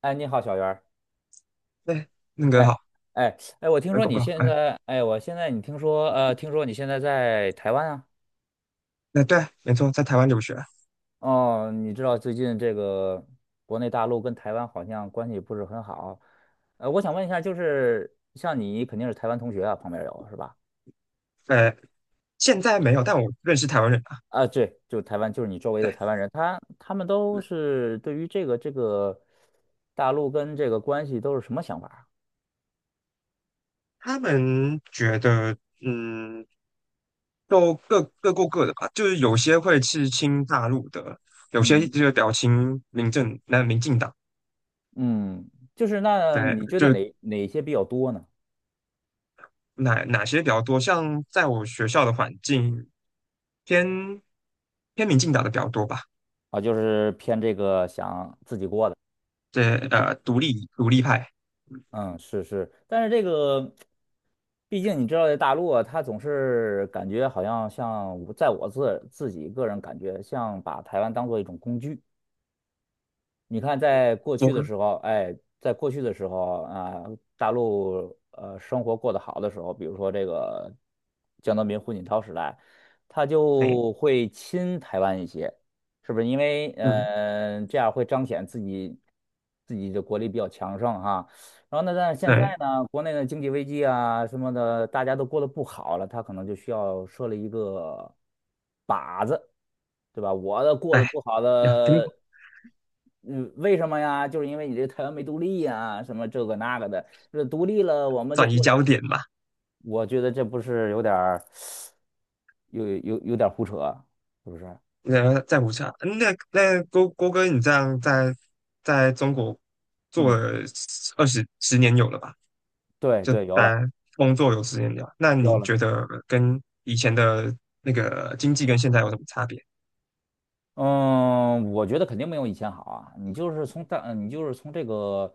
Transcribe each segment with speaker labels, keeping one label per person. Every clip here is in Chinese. Speaker 1: 哎，你好，小袁儿。
Speaker 2: 对，那个
Speaker 1: 哎，
Speaker 2: 好，
Speaker 1: 哎，我听说
Speaker 2: 狗
Speaker 1: 你
Speaker 2: 狗
Speaker 1: 现
Speaker 2: 哎，
Speaker 1: 在，我现在你听说，听说你现在在台湾啊？
Speaker 2: 那对，没错，在台湾留学。
Speaker 1: 哦，你知道最近这个国内大陆跟台湾好像关系不是很好。我想问一下，就是像你肯定是台湾同学啊，旁边有是吧？
Speaker 2: 呃，现在没有，但我认识台湾人啊。
Speaker 1: 啊，对，就台湾，就是你周围的
Speaker 2: 对，
Speaker 1: 台湾人，他们都
Speaker 2: 对，
Speaker 1: 是对于这个大陆跟这个关系都是什么想法啊？
Speaker 2: 他们觉得，都各过各的吧，就是有些会是亲大陆的，有些
Speaker 1: 嗯
Speaker 2: 就是比较亲民政，那民进党，
Speaker 1: 嗯，就是那
Speaker 2: 对，
Speaker 1: 你觉得
Speaker 2: 就
Speaker 1: 哪些比较多呢？
Speaker 2: 哪些比较多，像在我学校的环境，偏偏民进党的比较多吧。
Speaker 1: 啊，就是偏这个想自己过的，
Speaker 2: 对，独立派，
Speaker 1: 嗯，是是，但是这个，毕竟你知道，在大陆啊，他总是感觉好像我自己个人感觉，像把台湾当做一种工具，你看，
Speaker 2: 多哥，
Speaker 1: 在过去的时候啊，大陆生活过得好的时候，比如说这个江泽民、胡锦涛时代，他
Speaker 2: 哎，
Speaker 1: 就会亲台湾一些，是不是？因为
Speaker 2: 嗯，
Speaker 1: 这样会彰显自己的国力比较强盛哈。然后呢，但是现在
Speaker 2: 对，
Speaker 1: 呢，国内的经济危机啊什么的，大家都过得不好了，他可能就需要设立一个靶子。对吧？我的过得
Speaker 2: 哎。
Speaker 1: 不好
Speaker 2: 呀，
Speaker 1: 的，嗯，为什么呀？就是因为你这个台湾没独立呀，什么这个那个的，这独立了我们就
Speaker 2: 转移
Speaker 1: 过了。
Speaker 2: 焦点嘛。
Speaker 1: 我觉得这不是有点儿，有点儿胡扯，是不是？
Speaker 2: 呃，在武侠，嗯那郭哥，你这样在中国做
Speaker 1: 嗯，
Speaker 2: 了十年有了吧？
Speaker 1: 对
Speaker 2: 就
Speaker 1: 对，有了
Speaker 2: 单工作有十年了，那你
Speaker 1: 有了。
Speaker 2: 觉得跟以前的那个经济跟现在有什么差别？
Speaker 1: 嗯，我觉得肯定没有以前好啊。你就是从这个。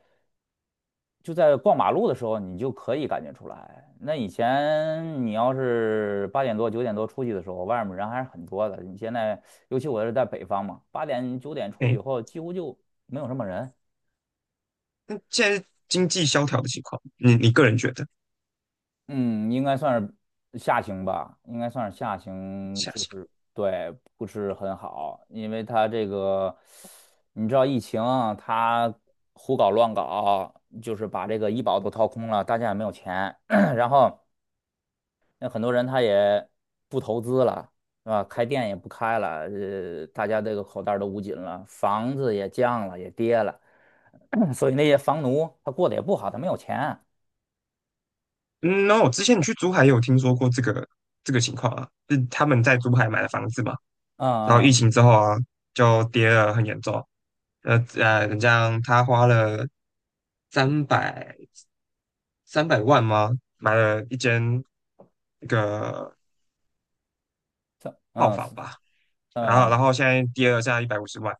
Speaker 1: 就在逛马路的时候，你就可以感觉出来。那以前你要是8点多9点多出去的时候，外面人还是很多的。你现在，尤其我是在北方嘛，8点9点出去以
Speaker 2: 哎，
Speaker 1: 后，几乎就没有什么人。
Speaker 2: 那现在经济萧条的情况，你个人觉得
Speaker 1: 嗯，应该算是下行吧，应该算是下行，
Speaker 2: 下
Speaker 1: 就
Speaker 2: 行？
Speaker 1: 是对，不是很好，因为它这个，你知道疫情啊它胡搞乱搞，就是把这个医保都掏空了，大家也没有钱，然后。那很多人他也不投资了，是吧？开店也不开了，大家这个口袋儿都捂紧了，房子也降了，也跌了，所以那些房奴他过得也不好，他没有钱。
Speaker 2: 嗯，那我之前你去珠海也有听说过这个情况啊，是他们在珠海买了房子嘛，
Speaker 1: 嗯
Speaker 2: 然后疫
Speaker 1: 嗯，
Speaker 2: 情之后啊，就跌了很严重。你这样他花了三百三百万吗？买了一间那个
Speaker 1: 三
Speaker 2: 套
Speaker 1: 嗯三
Speaker 2: 房吧。
Speaker 1: 三百
Speaker 2: 然后
Speaker 1: 万，
Speaker 2: 然后现在跌了，现在150万，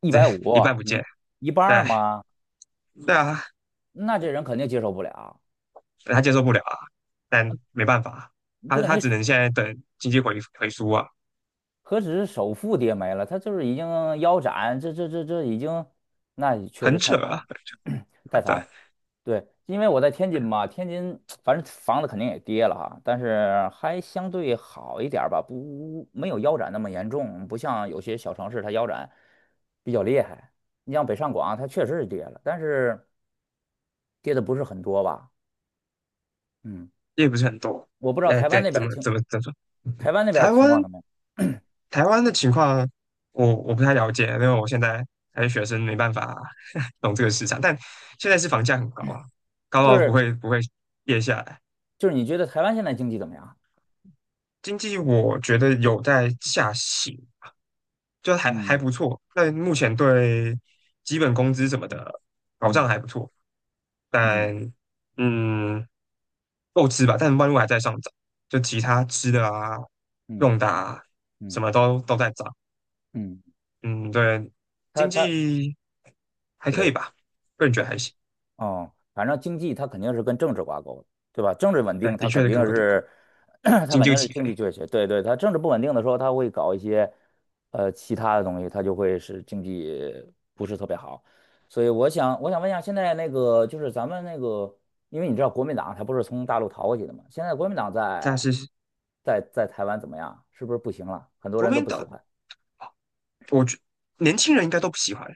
Speaker 1: 一
Speaker 2: 这
Speaker 1: 百五，
Speaker 2: 一半不
Speaker 1: 一
Speaker 2: 见。
Speaker 1: 一半
Speaker 2: 对
Speaker 1: 儿嘛，
Speaker 2: 对啊，
Speaker 1: 那这人肯定接受不了。
Speaker 2: 他接受不了啊，但没办法，他
Speaker 1: 对。
Speaker 2: 他
Speaker 1: 你
Speaker 2: 只能现在等经济回苏啊。
Speaker 1: 何止是首付跌没了，它就是已经腰斩，这已经，那确实
Speaker 2: 很
Speaker 1: 太
Speaker 2: 扯
Speaker 1: 惨
Speaker 2: 啊，
Speaker 1: 了，太 惨
Speaker 2: 对，
Speaker 1: 了。对，因为我在天津嘛，天津 反正房子肯定也跌了哈，但是还相对好一点儿吧，不没有腰斩那么严重，不像有些小城市它腰斩比较厉害。你像北上广，它确实是跌了，但是跌的不是很多吧？嗯，
Speaker 2: 也不是很多。
Speaker 1: 我不知道
Speaker 2: 那
Speaker 1: 台湾
Speaker 2: 对，
Speaker 1: 那
Speaker 2: 怎
Speaker 1: 边
Speaker 2: 么
Speaker 1: 经，
Speaker 2: 怎么怎么说？
Speaker 1: 台湾那边儿
Speaker 2: 台
Speaker 1: 情
Speaker 2: 湾
Speaker 1: 况怎么样？
Speaker 2: 台湾的情况我不太了解，因为我现在还是学生，没办法 懂这个市场。但现在是房价很高啊，高
Speaker 1: 就
Speaker 2: 到不
Speaker 1: 是
Speaker 2: 会不会跌下来。
Speaker 1: 就是你觉得台湾现在经济怎么样？
Speaker 2: 经济我觉得有在下行，就还
Speaker 1: 嗯。
Speaker 2: 不错。但目前对基本工资什么的保障
Speaker 1: 嗯
Speaker 2: 还不错，
Speaker 1: 嗯。
Speaker 2: 但嗯够吃吧。但万物还在上涨，就其他吃的啊、
Speaker 1: 嗯
Speaker 2: 用的啊，
Speaker 1: 嗯
Speaker 2: 什么都在涨。
Speaker 1: 嗯，
Speaker 2: 嗯，对，
Speaker 1: 他
Speaker 2: 经
Speaker 1: 他
Speaker 2: 济还可
Speaker 1: 对
Speaker 2: 以吧，个人觉
Speaker 1: 他
Speaker 2: 得还行。
Speaker 1: 哦，反正经济他肯定是跟政治挂钩的，对吧？政治稳
Speaker 2: 对，
Speaker 1: 定，他
Speaker 2: 的确
Speaker 1: 肯
Speaker 2: 是
Speaker 1: 定
Speaker 2: 跟国内有关，
Speaker 1: 是 他
Speaker 2: 经
Speaker 1: 肯
Speaker 2: 济有
Speaker 1: 定是
Speaker 2: 起
Speaker 1: 经济
Speaker 2: 飞。
Speaker 1: 缺血。对对，他政治不稳定的时候，它会搞一些其他的东西，他就会使经济不是特别好。所以我想问一下，现在那个就是咱们那个，因为你知道国民党他不是从大陆逃过去的嘛？现在国民党
Speaker 2: 但
Speaker 1: 在
Speaker 2: 是
Speaker 1: 台湾怎么样？是不是不行了？很多
Speaker 2: 国
Speaker 1: 人都
Speaker 2: 民
Speaker 1: 不喜
Speaker 2: 党，
Speaker 1: 欢。
Speaker 2: 我觉年轻人应该都不喜欢，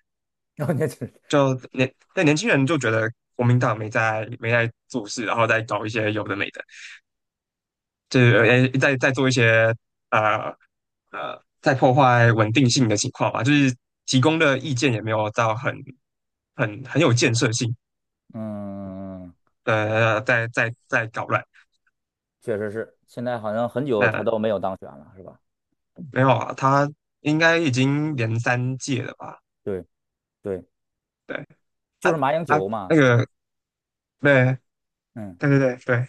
Speaker 1: 然后你就是
Speaker 2: 但年轻人就觉得国民党没在做事，然后再搞一些有的没的，就是在做一些呃在破坏稳定性的情况吧。就是提供的意见也没有到很有建设性。
Speaker 1: 嗯。
Speaker 2: 在搞乱。
Speaker 1: 确实是，现在好像很久他
Speaker 2: 那
Speaker 1: 都没有当选了，是吧？
Speaker 2: 没有啊，他应该已经连三届了吧？
Speaker 1: 对对，
Speaker 2: 对
Speaker 1: 就
Speaker 2: 啊
Speaker 1: 是马英
Speaker 2: 啊，
Speaker 1: 九
Speaker 2: 那
Speaker 1: 嘛。
Speaker 2: 个，对
Speaker 1: 嗯，
Speaker 2: 对对对对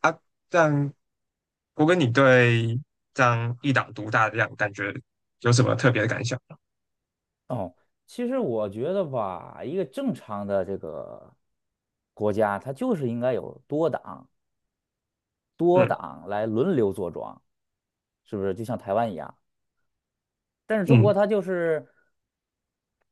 Speaker 2: 啊，这样我跟你对这样一党独大的这样感觉有什么特别的感想？
Speaker 1: 哦，其实我觉得吧，一个正常的这个国家，它就是应该有多党，多
Speaker 2: 嗯
Speaker 1: 党来轮流坐庄，是不是？就像台湾一样，但是中国
Speaker 2: 嗯，
Speaker 1: 它就是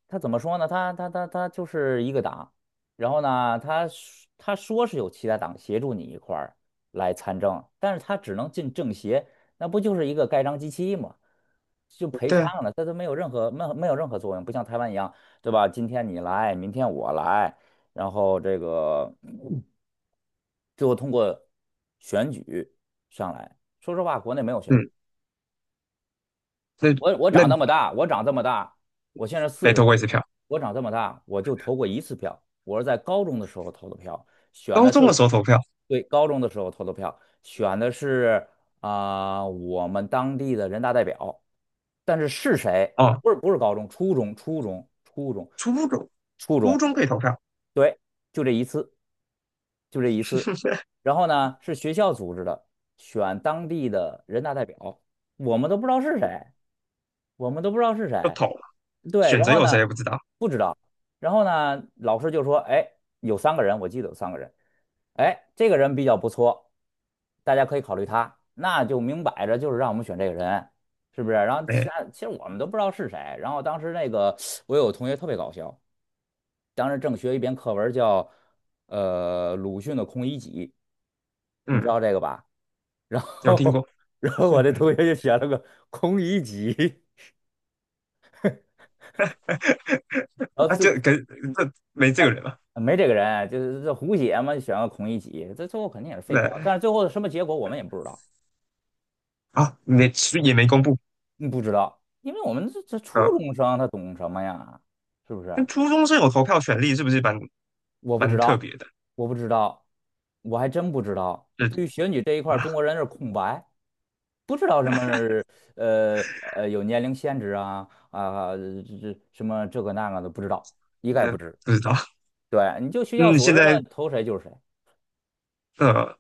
Speaker 1: 他怎么说呢？他就是一个党，然后呢，他说是有其他党协助你一块儿来参政，但是他只能进政协，那不就是一个盖章机器吗？就陪
Speaker 2: 对啊，
Speaker 1: 唱了，他都没有任何没有没有任何作用，不像台湾一样，对吧？今天你来，明天我来，然后这个最后通过选举上来。说实话，国内没有选举。
Speaker 2: 嗯，那
Speaker 1: 我长
Speaker 2: 那
Speaker 1: 那么大，我长这么大，我现在四
Speaker 2: 没
Speaker 1: 十
Speaker 2: 投过一
Speaker 1: 岁，
Speaker 2: 次票，
Speaker 1: 我长这么大，我就投过一次票，我是在高中的时候投的票，选
Speaker 2: 高
Speaker 1: 的是，
Speaker 2: 中的时候投票。
Speaker 1: 对，高中的时候投的票，选的是啊、我们当地的人大代表，但是是谁？
Speaker 2: 哦，
Speaker 1: 不是高中，初中，初中，初中，
Speaker 2: 初中
Speaker 1: 初
Speaker 2: 初
Speaker 1: 中，
Speaker 2: 中可以投票
Speaker 1: 对，就这一次，就这一次。然后呢，是学校组织的，选当地的人大代表，我们都不知道是谁。我们都不知道是
Speaker 2: 就
Speaker 1: 谁。
Speaker 2: 投了，
Speaker 1: 对，
Speaker 2: 选
Speaker 1: 然
Speaker 2: 择
Speaker 1: 后
Speaker 2: 有
Speaker 1: 呢，
Speaker 2: 谁也不知道。
Speaker 1: 不知道，然后呢，老师就说，哎，有三个人，我记得有三个人，哎，这个人比较不错，大家可以考虑他，那就明摆着就是让我们选这个人，是不是？然后其
Speaker 2: 没
Speaker 1: 他其实我们都不知道是谁，然后当时那个我有个同学特别搞笑，当时正学一篇课文叫鲁迅的《孔乙己》，你知
Speaker 2: 嗯，
Speaker 1: 道这个吧？然
Speaker 2: 有
Speaker 1: 后
Speaker 2: 听过。
Speaker 1: 然后我这同学就写了个《孔乙己》，然 后
Speaker 2: 啊，这没这个
Speaker 1: 那
Speaker 2: 人嘛。
Speaker 1: 没这个人啊，就是这胡写嘛，选个孔乙己，这最后肯定也是废票。但
Speaker 2: 对
Speaker 1: 是最后什么结果我们也不知道，
Speaker 2: 啊，没公布。
Speaker 1: 嗯，不知道，因为我们这初
Speaker 2: 呃，
Speaker 1: 中生他懂什么呀？是不是？
Speaker 2: 那初中生有投票权利，是不是蛮
Speaker 1: 我不知
Speaker 2: 蛮特
Speaker 1: 道，
Speaker 2: 别的？
Speaker 1: 我不知道，我还真不知道。
Speaker 2: 这
Speaker 1: 对于选举这一块儿
Speaker 2: 啊，
Speaker 1: 中国人是空白，不知道什么呃有年龄限制啊、这什么这个那个的不知道，一概
Speaker 2: 那
Speaker 1: 不知。
Speaker 2: 不知道。
Speaker 1: 对，你就学校
Speaker 2: 嗯，
Speaker 1: 组
Speaker 2: 现
Speaker 1: 织
Speaker 2: 在，
Speaker 1: 的投谁就是谁，
Speaker 2: 呃，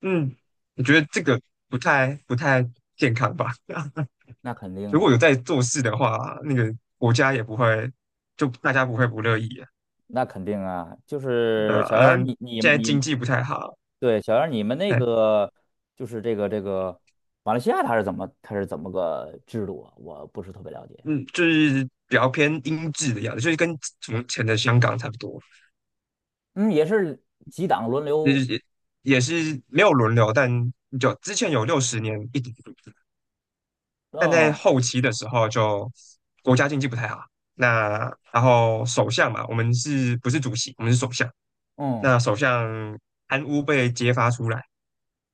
Speaker 2: 嗯，我觉得这个不太健康吧。
Speaker 1: 那肯定
Speaker 2: 如果
Speaker 1: 啊。
Speaker 2: 有在做事的话，那个国家也不会，就大家不会不乐意啊。
Speaker 1: 那肯定啊，就
Speaker 2: 对
Speaker 1: 是
Speaker 2: 啊，
Speaker 1: 小杨儿
Speaker 2: 嗯，
Speaker 1: 你你
Speaker 2: 现在经
Speaker 1: 你
Speaker 2: 济不太好。
Speaker 1: 对，小杨儿你们那
Speaker 2: 哎，
Speaker 1: 个就是这个马来西亚它是怎么个制度啊？我不是特别了解。
Speaker 2: 嗯，就是比较偏英制的样子，就是跟从前的香港差不多，
Speaker 1: 嗯，也是几党轮
Speaker 2: 就是
Speaker 1: 流
Speaker 2: 也是没有轮流，但就之前有60年一直，但在
Speaker 1: 哦，
Speaker 2: 后期的时候就国家经济不太好。那然后首相嘛，我们是不是主席？我们是首相。
Speaker 1: 嗯
Speaker 2: 那首相贪污被揭发出来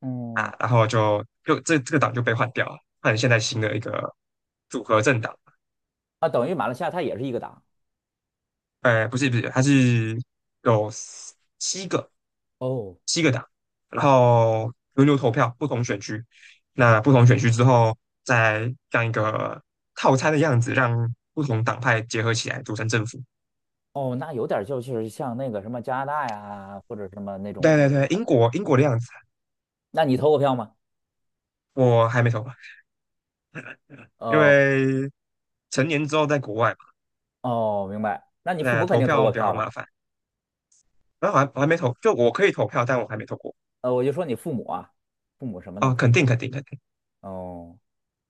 Speaker 1: 嗯
Speaker 2: 啊，然后就这个党就被换掉了，换成现在新的一个组合政党。
Speaker 1: 啊，等于马来西亚它也是一个党
Speaker 2: 不是，它是有七个
Speaker 1: 哦
Speaker 2: 七个党，然后轮流投票，不同选区。那不同选区之后，再这样一个套餐的样子，让不同党派结合起来组成政府。
Speaker 1: 哦，那有点儿就是像那个什么加拿大呀或者什么那种
Speaker 2: 对
Speaker 1: 那
Speaker 2: 对
Speaker 1: 种
Speaker 2: 对，
Speaker 1: 感
Speaker 2: 英
Speaker 1: 觉。
Speaker 2: 国英国的样子。
Speaker 1: 那你投过票吗？
Speaker 2: 我还没投，因
Speaker 1: 哦
Speaker 2: 为成年之后在国外嘛，
Speaker 1: 哦，明白。那你父
Speaker 2: 那
Speaker 1: 母肯
Speaker 2: 投
Speaker 1: 定投
Speaker 2: 票
Speaker 1: 过
Speaker 2: 比
Speaker 1: 票
Speaker 2: 较
Speaker 1: 了。
Speaker 2: 麻烦。然后我还没投，就我可以投票，但我还没投过。
Speaker 1: 我就说你父母啊，父母什么呢？
Speaker 2: 啊，肯定肯定肯定。
Speaker 1: 哦。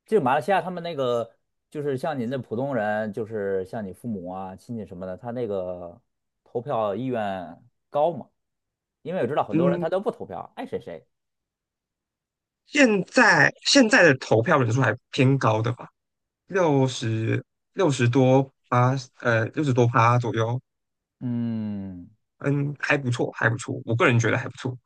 Speaker 1: 就马来西亚他们那个就是像您的普通人，就是像你父母啊、亲戚什么的，他那个投票意愿高吗？因为我知道很多人
Speaker 2: 嗯，
Speaker 1: 他都不投票，爱谁谁。
Speaker 2: 现在的投票人数还偏高的吧，六十六十多趴，六十多趴左右。
Speaker 1: 嗯，
Speaker 2: 嗯，还不错，还不错，我个人觉得还不错。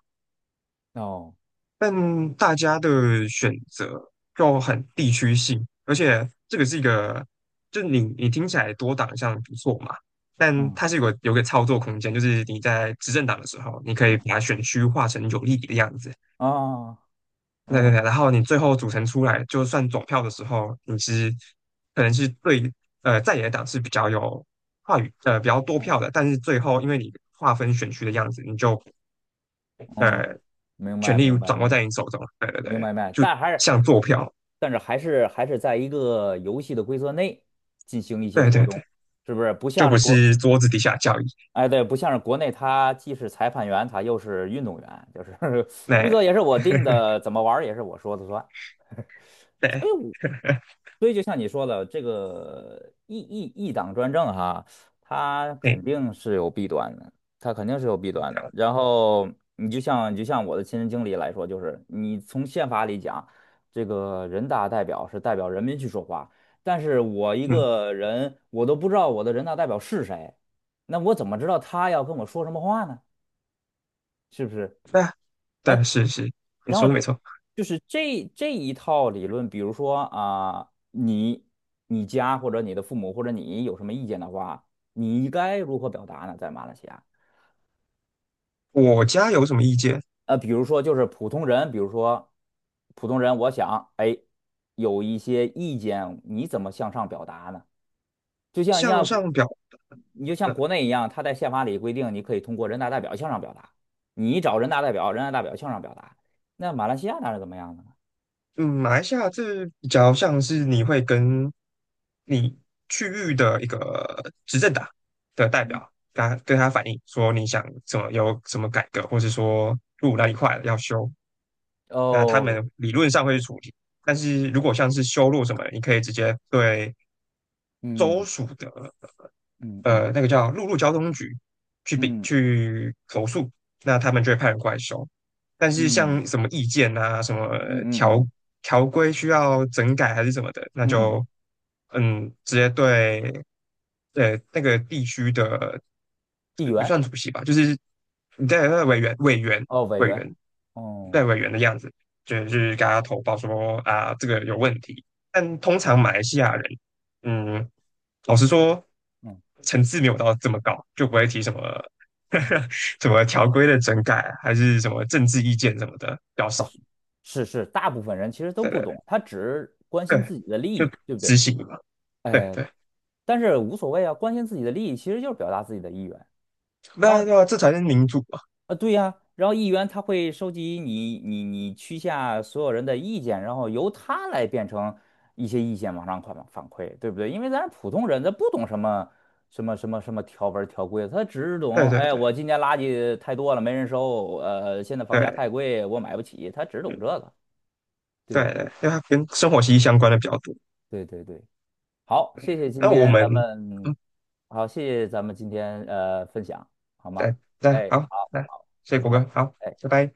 Speaker 1: 哦，
Speaker 2: 但大家的选择就很地区性，而且这个是一个，就你听起来多党项不错嘛。但
Speaker 1: 嗯，
Speaker 2: 它是有个操作空间，就是你在执政党的时候，你可以把选区划成有利的样子。
Speaker 1: 哦，
Speaker 2: 对对
Speaker 1: 哦，
Speaker 2: 对，然后你最后组成出来，就算总票的时候，可能是对在野党是比较有话语比较多
Speaker 1: 哦，
Speaker 2: 票的，但是最后因为你划分选区的样子，你就
Speaker 1: 嗯，明
Speaker 2: 权
Speaker 1: 白，明
Speaker 2: 力
Speaker 1: 白，
Speaker 2: 掌
Speaker 1: 明
Speaker 2: 握
Speaker 1: 白
Speaker 2: 在你手中。对对对，
Speaker 1: 明白，明白，
Speaker 2: 就像坐票。
Speaker 1: 但是还是在一个游戏的规则内进行一些
Speaker 2: 对
Speaker 1: 活
Speaker 2: 对
Speaker 1: 动，
Speaker 2: 对，
Speaker 1: 是不是？不
Speaker 2: 就
Speaker 1: 像
Speaker 2: 不
Speaker 1: 是国，
Speaker 2: 是桌子底下交易。
Speaker 1: 哎，对，不像是国内，他既是裁判员，他又是运动员，就是 规
Speaker 2: 那
Speaker 1: 则也是我定的，怎么玩儿也是我说的算。所以
Speaker 2: 对，
Speaker 1: 我 所以就像你说的，这个一党专政哈，它肯
Speaker 2: 哎，
Speaker 1: 定是有弊端的，它肯定是有弊端的。然后你就像我的亲身经历来说，就是你从宪法里讲，这个人大代表是代表人民去说话，但是我一
Speaker 2: 嗯，
Speaker 1: 个人，我都不知道我的人大代表是谁，那我怎么知道他要跟我说什么话呢？是不是？
Speaker 2: 那对是是，你
Speaker 1: 然后
Speaker 2: 说的没错。
Speaker 1: 就是这一套理论，比如说啊、你家或者你的父母或者你有什么意见的话，你该如何表达呢？在马来西亚，
Speaker 2: 我家有什么意见？
Speaker 1: 比如说就是普通人，比如说普通人，我想哎，有一些意见，你怎么向上表达呢？就像像
Speaker 2: 向
Speaker 1: 像国
Speaker 2: 上表
Speaker 1: 你就像
Speaker 2: 的。
Speaker 1: 国内一样，他在宪法里规定，你可以通过人大代表向上表达，你找人大代表，人大代表向上表达。那马来西亚那是怎么样的呢？
Speaker 2: 嗯，马来西亚这比较像是你会跟你区域的一个执政党的代表，跟他反映说你想怎么有什么改革，或者说路那一块要修，那他
Speaker 1: 哦，
Speaker 2: 们理论上会去处理。但是如果像是修路什么，你可以直接对州
Speaker 1: 嗯
Speaker 2: 属的
Speaker 1: 嗯嗯
Speaker 2: 那个叫陆路交通局去比
Speaker 1: 嗯
Speaker 2: 去投诉，那他们就会派人过来收。但是
Speaker 1: 嗯
Speaker 2: 像什么意见啊、什么
Speaker 1: 嗯嗯嗯
Speaker 2: 条条规需要整改还是什么的，那
Speaker 1: 嗯，
Speaker 2: 就直接对那个地区的
Speaker 1: 议
Speaker 2: 不
Speaker 1: 员
Speaker 2: 算主席吧，就是你在那委员委员
Speaker 1: 哦，委
Speaker 2: 委
Speaker 1: 员，
Speaker 2: 员在
Speaker 1: 哦，
Speaker 2: 委员的样子，就是给他投报说啊这个有问题。但通常马来西亚人嗯。老实说，
Speaker 1: 嗯
Speaker 2: 层次没有到这么高，就不会提什么
Speaker 1: 啊，
Speaker 2: 什么条规的整改，还是什么政治意见什么的，比较少。
Speaker 1: 是是是，大部分人其实都
Speaker 2: 对
Speaker 1: 不
Speaker 2: 对
Speaker 1: 懂，他只关
Speaker 2: 对，
Speaker 1: 心
Speaker 2: 对
Speaker 1: 自己的利
Speaker 2: 就
Speaker 1: 益，对不对？
Speaker 2: 执行嘛。对
Speaker 1: 哎，
Speaker 2: 对，
Speaker 1: 但是无所谓啊，关心自己的利益其实就是表达自己的意愿。然后。
Speaker 2: 那对啊，这才是民主嘛。
Speaker 1: 啊，对呀，然后议员他会收集你区下所有人的意见，然后由他来变成一些意见往上反馈，对不对？因为咱普通人他不懂什么条文条规，他只
Speaker 2: 对
Speaker 1: 懂
Speaker 2: 对
Speaker 1: 哎，
Speaker 2: 对
Speaker 1: 我今年垃圾太多了，没人收，现在房价
Speaker 2: 对，
Speaker 1: 太贵，我买不起，他只懂
Speaker 2: 嗯，
Speaker 1: 这个，对
Speaker 2: 对
Speaker 1: 不对？
Speaker 2: 对，因为它跟生活息息相关的比较多。
Speaker 1: 对对对，好，谢谢今
Speaker 2: 那我
Speaker 1: 天
Speaker 2: 们
Speaker 1: 咱们，
Speaker 2: 嗯，
Speaker 1: 好，谢谢咱们今天分享，好吗？
Speaker 2: 对，来
Speaker 1: 哎，
Speaker 2: 好，
Speaker 1: 好，
Speaker 2: 来谢谢
Speaker 1: 再
Speaker 2: 果
Speaker 1: 见。
Speaker 2: 哥，好，
Speaker 1: 哎。
Speaker 2: 拜拜。